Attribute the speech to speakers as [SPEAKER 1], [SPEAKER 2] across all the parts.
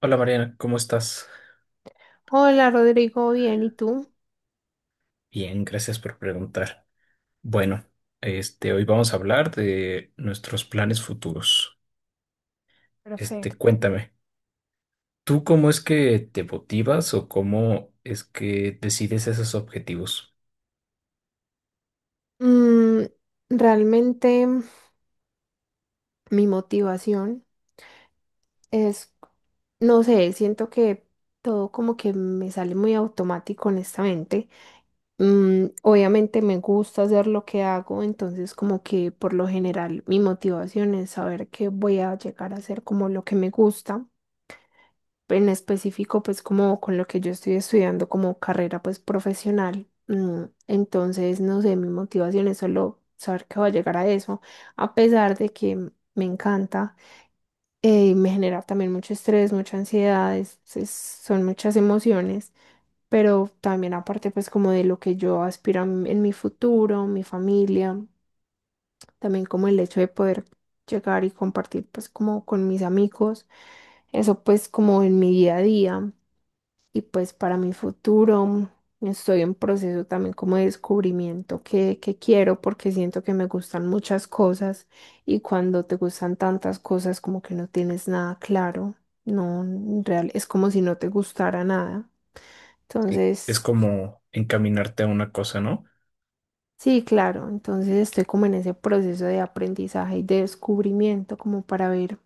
[SPEAKER 1] Hola Mariana, ¿cómo estás?
[SPEAKER 2] Hola Rodrigo, bien, ¿y tú?
[SPEAKER 1] Bien, gracias por preguntar. Bueno, hoy vamos a hablar de nuestros planes futuros.
[SPEAKER 2] Perfecto.
[SPEAKER 1] Cuéntame, ¿tú cómo es que te motivas o cómo es que decides esos objetivos?
[SPEAKER 2] Mm, realmente mi motivación es, no sé, siento que todo como que me sale muy automático, honestamente. Obviamente me gusta hacer lo que hago, entonces como que por lo general mi motivación es saber que voy a llegar a hacer como lo que me gusta. En específico, pues como con lo que yo estoy estudiando como carrera pues profesional. Entonces, no sé, mi motivación es solo saber que voy a llegar a eso, a pesar de que me encanta y me genera también mucho estrés, mucha ansiedad, son muchas emociones, pero también aparte pues como de lo que yo aspiro en mi futuro, mi familia, también como el hecho de poder llegar y compartir pues como con mis amigos, eso pues como en mi día a día y pues para mi futuro estoy en proceso también como de descubrimiento que quiero porque siento que me gustan muchas cosas y cuando te gustan tantas cosas como que no tienes nada claro, no, en real, es como si no te gustara nada.
[SPEAKER 1] Sí. Es
[SPEAKER 2] Entonces,
[SPEAKER 1] como encaminarte a una cosa, ¿no?
[SPEAKER 2] sí, claro, entonces estoy como en ese proceso de aprendizaje y de descubrimiento como para ver.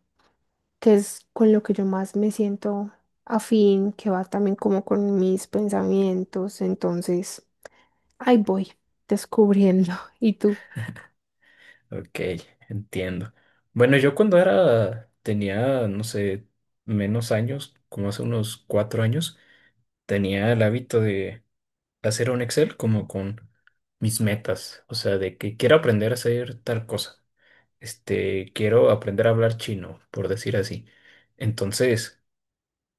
[SPEAKER 2] Que es con lo que yo más me siento afín, que va también como con mis pensamientos. Entonces, ahí voy descubriendo. ¿Y tú?
[SPEAKER 1] Ok, entiendo. Bueno, yo cuando era, tenía, no sé, menos años, como hace unos 4 años, tenía el hábito de hacer un Excel como con mis metas, o sea, de que quiero aprender a hacer tal cosa, quiero aprender a hablar chino, por decir así. Entonces,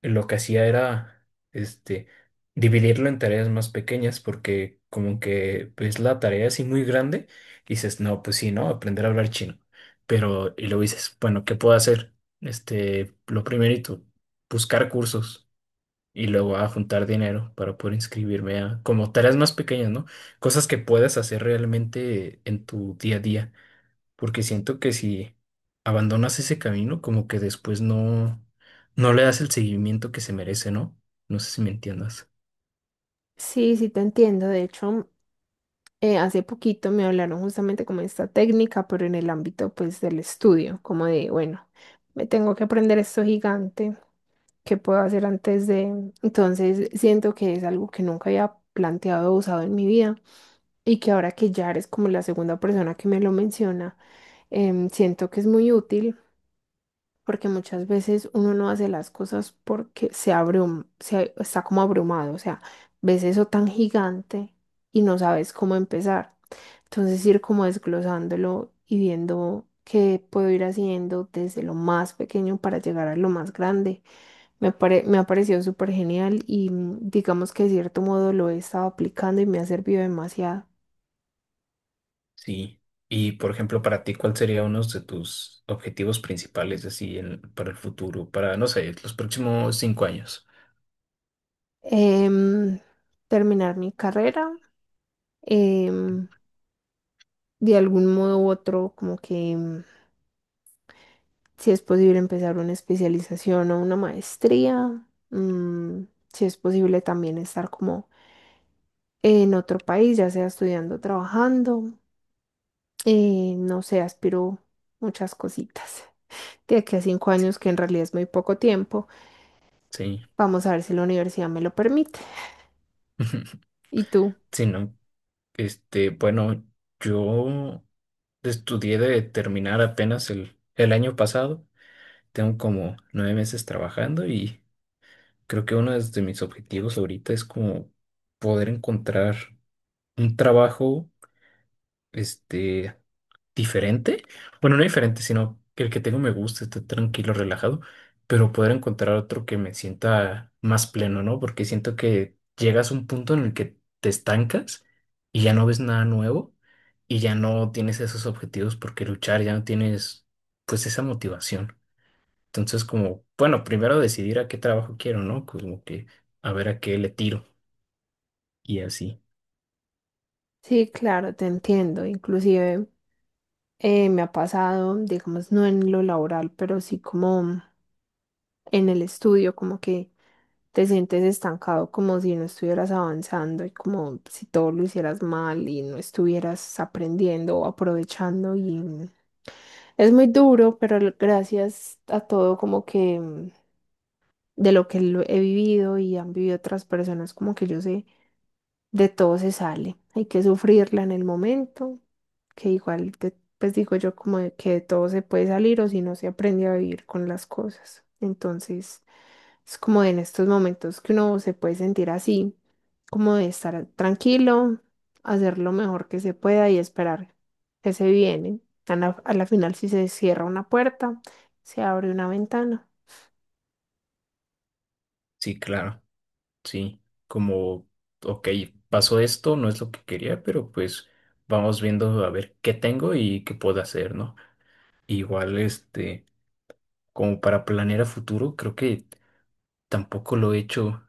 [SPEAKER 1] lo que hacía era, este, dividirlo en tareas más pequeñas porque como que ves la tarea así muy grande y dices, no, pues sí, ¿no? Aprender a hablar chino. Pero, y luego dices, bueno, ¿qué puedo hacer? Lo primerito, buscar cursos y luego a juntar dinero para poder inscribirme a como tareas más pequeñas, ¿no? Cosas que puedas hacer realmente en tu día a día, porque siento que si abandonas ese camino, como que después no, no le das el seguimiento que se merece, ¿no? No sé si me entiendas.
[SPEAKER 2] Sí, sí, te entiendo. De hecho, hace poquito me hablaron justamente como de esta técnica, pero en el ámbito pues del estudio, como de, bueno, me tengo que aprender esto gigante, ¿qué puedo hacer antes de...? Entonces siento que es algo que nunca había planteado o usado en mi vida y que ahora que ya eres como la segunda persona que me lo menciona, siento que es muy útil porque muchas veces uno no hace las cosas porque se está como abrumado, o sea, ves eso tan gigante y no sabes cómo empezar. Entonces ir como desglosándolo y viendo qué puedo ir haciendo desde lo más pequeño para llegar a lo más grande. Me ha parecido súper genial y digamos que de cierto modo lo he estado aplicando y me ha servido demasiado.
[SPEAKER 1] Sí. Y por ejemplo, para ti, ¿cuál sería uno de tus objetivos principales así para el futuro, para, no sé, los próximos 5 años?
[SPEAKER 2] Em, terminar mi carrera, em, de algún modo u otro, como que si es posible empezar una especialización o una maestría, si es posible también estar como en otro país, ya sea estudiando o trabajando, no sé, aspiro muchas cositas. De aquí a 5 años, que en realidad es muy poco tiempo,
[SPEAKER 1] Sí.
[SPEAKER 2] vamos a ver si la universidad me lo permite. ¿Y tú?
[SPEAKER 1] Sí, no. Bueno, yo estudié de terminar apenas el año pasado. Tengo como 9 meses trabajando y creo que uno de mis objetivos ahorita es como poder encontrar un trabajo, este, diferente. Bueno, no diferente, sino que el que tengo me gusta, esté tranquilo, relajado, pero poder encontrar otro que me sienta más pleno, ¿no? Porque siento que llegas a un punto en el que te estancas y ya no ves nada nuevo y ya no tienes esos objetivos por qué luchar, ya no tienes pues esa motivación. Entonces, como, bueno, primero decidir a qué trabajo quiero, ¿no? Como que a ver a qué le tiro y así.
[SPEAKER 2] Sí, claro, te entiendo. Inclusive me ha pasado, digamos, no en lo laboral, pero sí como en el estudio, como que te sientes estancado, como si no estuvieras avanzando y como si todo lo hicieras mal y no estuvieras aprendiendo o aprovechando y es muy duro, pero gracias a todo como que de lo que lo he vivido y han vivido otras personas, como que yo sé de todo se sale. Hay que sufrirla en el momento, que igual, pues digo yo como de que de todo se puede salir o si no se aprende a vivir con las cosas. Entonces, es como en estos momentos que uno se puede sentir así, como de estar tranquilo, hacer lo mejor que se pueda y esperar que se viene. A la final, si se cierra una puerta, se abre una ventana.
[SPEAKER 1] Sí, claro. Sí, como, ok, pasó esto, no es lo que quería, pero pues vamos viendo a ver qué tengo y qué puedo hacer, ¿no? Igual, como para planear a futuro, creo que tampoco lo he hecho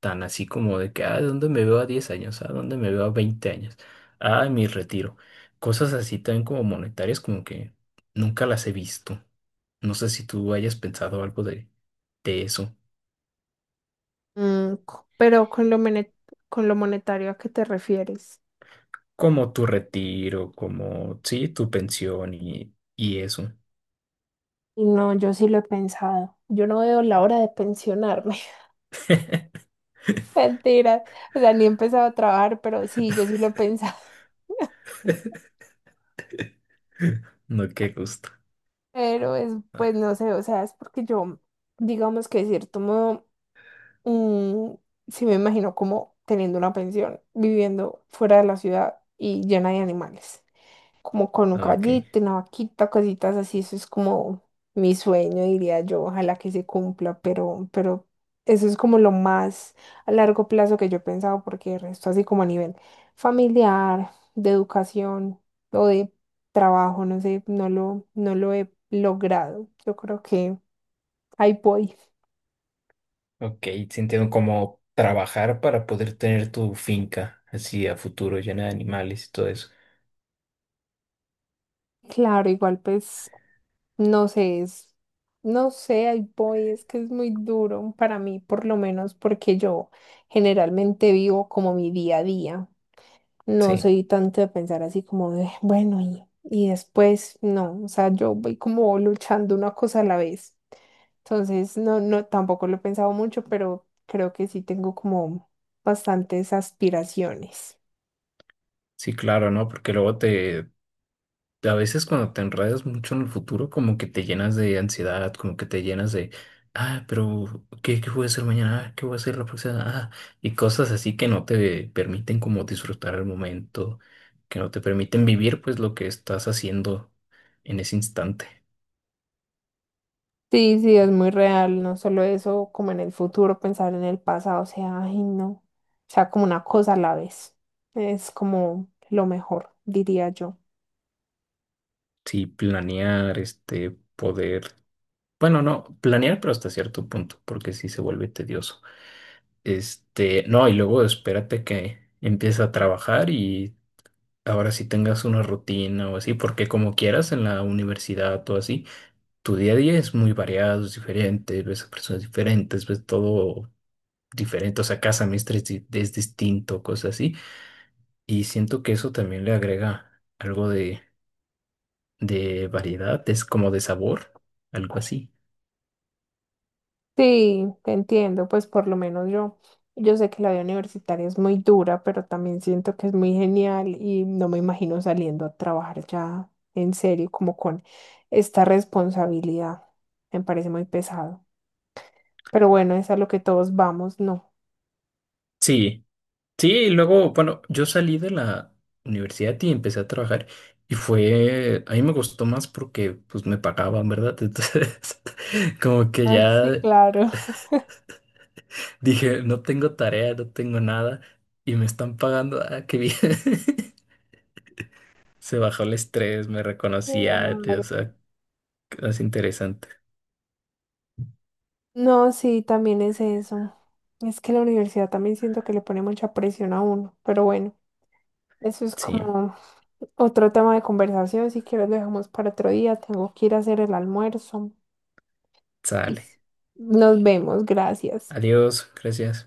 [SPEAKER 1] tan así como de que, ah, ¿dónde me veo a 10 años? ¿A dónde me veo a 20 años? Ah, mi retiro. Cosas así también como monetarias, como que nunca las he visto. No sé si tú hayas pensado algo de eso.
[SPEAKER 2] Pero con con lo monetario, ¿a qué te refieres?
[SPEAKER 1] Como tu retiro, como, sí, tu pensión y eso.
[SPEAKER 2] No, yo sí lo he pensado. Yo no veo la hora de pensionarme. Mentira. O sea, ni he empezado a trabajar, pero sí, yo sí lo he pensado.
[SPEAKER 1] No, qué gusto.
[SPEAKER 2] Pero es,
[SPEAKER 1] Ah,
[SPEAKER 2] pues no sé, o sea, es porque yo, digamos que de cierto modo, mm, sí me imagino como teniendo una pensión, viviendo fuera de la ciudad y llena de animales. Como con un
[SPEAKER 1] ok,
[SPEAKER 2] caballito, una vaquita, cositas así, eso es como mi sueño, diría yo, ojalá que se cumpla, pero eso es como lo más a largo plazo que yo he pensado, porque el resto así como a nivel familiar, de educación o de trabajo, no sé, no lo he logrado. Yo creo que ahí voy.
[SPEAKER 1] ok, entiendo como trabajar para poder tener tu finca así a futuro llena de animales y todo eso.
[SPEAKER 2] Claro, igual pues. No sé, es, no sé, ahí voy, es que es muy duro para mí, por lo menos porque yo generalmente vivo como mi día a día. No
[SPEAKER 1] Sí,
[SPEAKER 2] soy tanto de pensar así como de, bueno, y después, no, o sea, yo voy como luchando una cosa a la vez. Entonces, tampoco lo he pensado mucho, pero creo que sí tengo como bastantes aspiraciones.
[SPEAKER 1] sí, claro, ¿no? A veces cuando te enredas mucho en el futuro, como que te llenas de ansiedad, como que te llenas de, ah, pero ¿qué, qué voy a hacer mañana? Ah, ¿qué voy a hacer la próxima? Ah, y cosas así que no te permiten como disfrutar el momento, que no te permiten vivir pues lo que estás haciendo en ese instante.
[SPEAKER 2] Sí, sí, es muy real, no solo eso, como en el futuro, pensar en el pasado, o sea, ay, no, o sea, como una cosa a la vez, es como lo mejor, diría yo.
[SPEAKER 1] Sí, planear, poder, bueno, no, planear pero hasta cierto punto, porque sí se vuelve tedioso. No, y luego espérate que empieza a trabajar y ahora sí tengas una rutina o así, porque como quieras en la universidad o así, tu día a día es muy variado, es diferente, ves a personas diferentes, ves todo diferente, o sea, cada semestre es, es distinto, cosas así, y siento que eso también le agrega algo de variedad, es como de sabor, algo así.
[SPEAKER 2] Sí, te entiendo, pues por lo menos yo, yo sé que la vida universitaria es muy dura, pero también siento que es muy genial y no me imagino saliendo a trabajar ya en serio, como con esta responsabilidad, me parece muy pesado, pero bueno, es a lo que todos vamos, ¿no?
[SPEAKER 1] Sí, sí, y luego, bueno, yo salí de la universidad y empecé a trabajar y fue, a mí me gustó más porque pues me pagaban, ¿verdad? Entonces, como que
[SPEAKER 2] Ah, sí,
[SPEAKER 1] ya
[SPEAKER 2] claro.
[SPEAKER 1] dije, no tengo tarea, no tengo nada y me están pagando, ah, qué bien. Se bajó el estrés, me reconocía, o
[SPEAKER 2] Claro.
[SPEAKER 1] sea, es interesante.
[SPEAKER 2] No, sí, también es eso. Es que la universidad también siento que le pone mucha presión a uno, pero bueno, eso es
[SPEAKER 1] Sí,
[SPEAKER 2] como otro tema de conversación. Si quieres, lo dejamos para otro día. Tengo que ir a hacer el almuerzo. Y
[SPEAKER 1] sale.
[SPEAKER 2] nos vemos, gracias.
[SPEAKER 1] Adiós, gracias.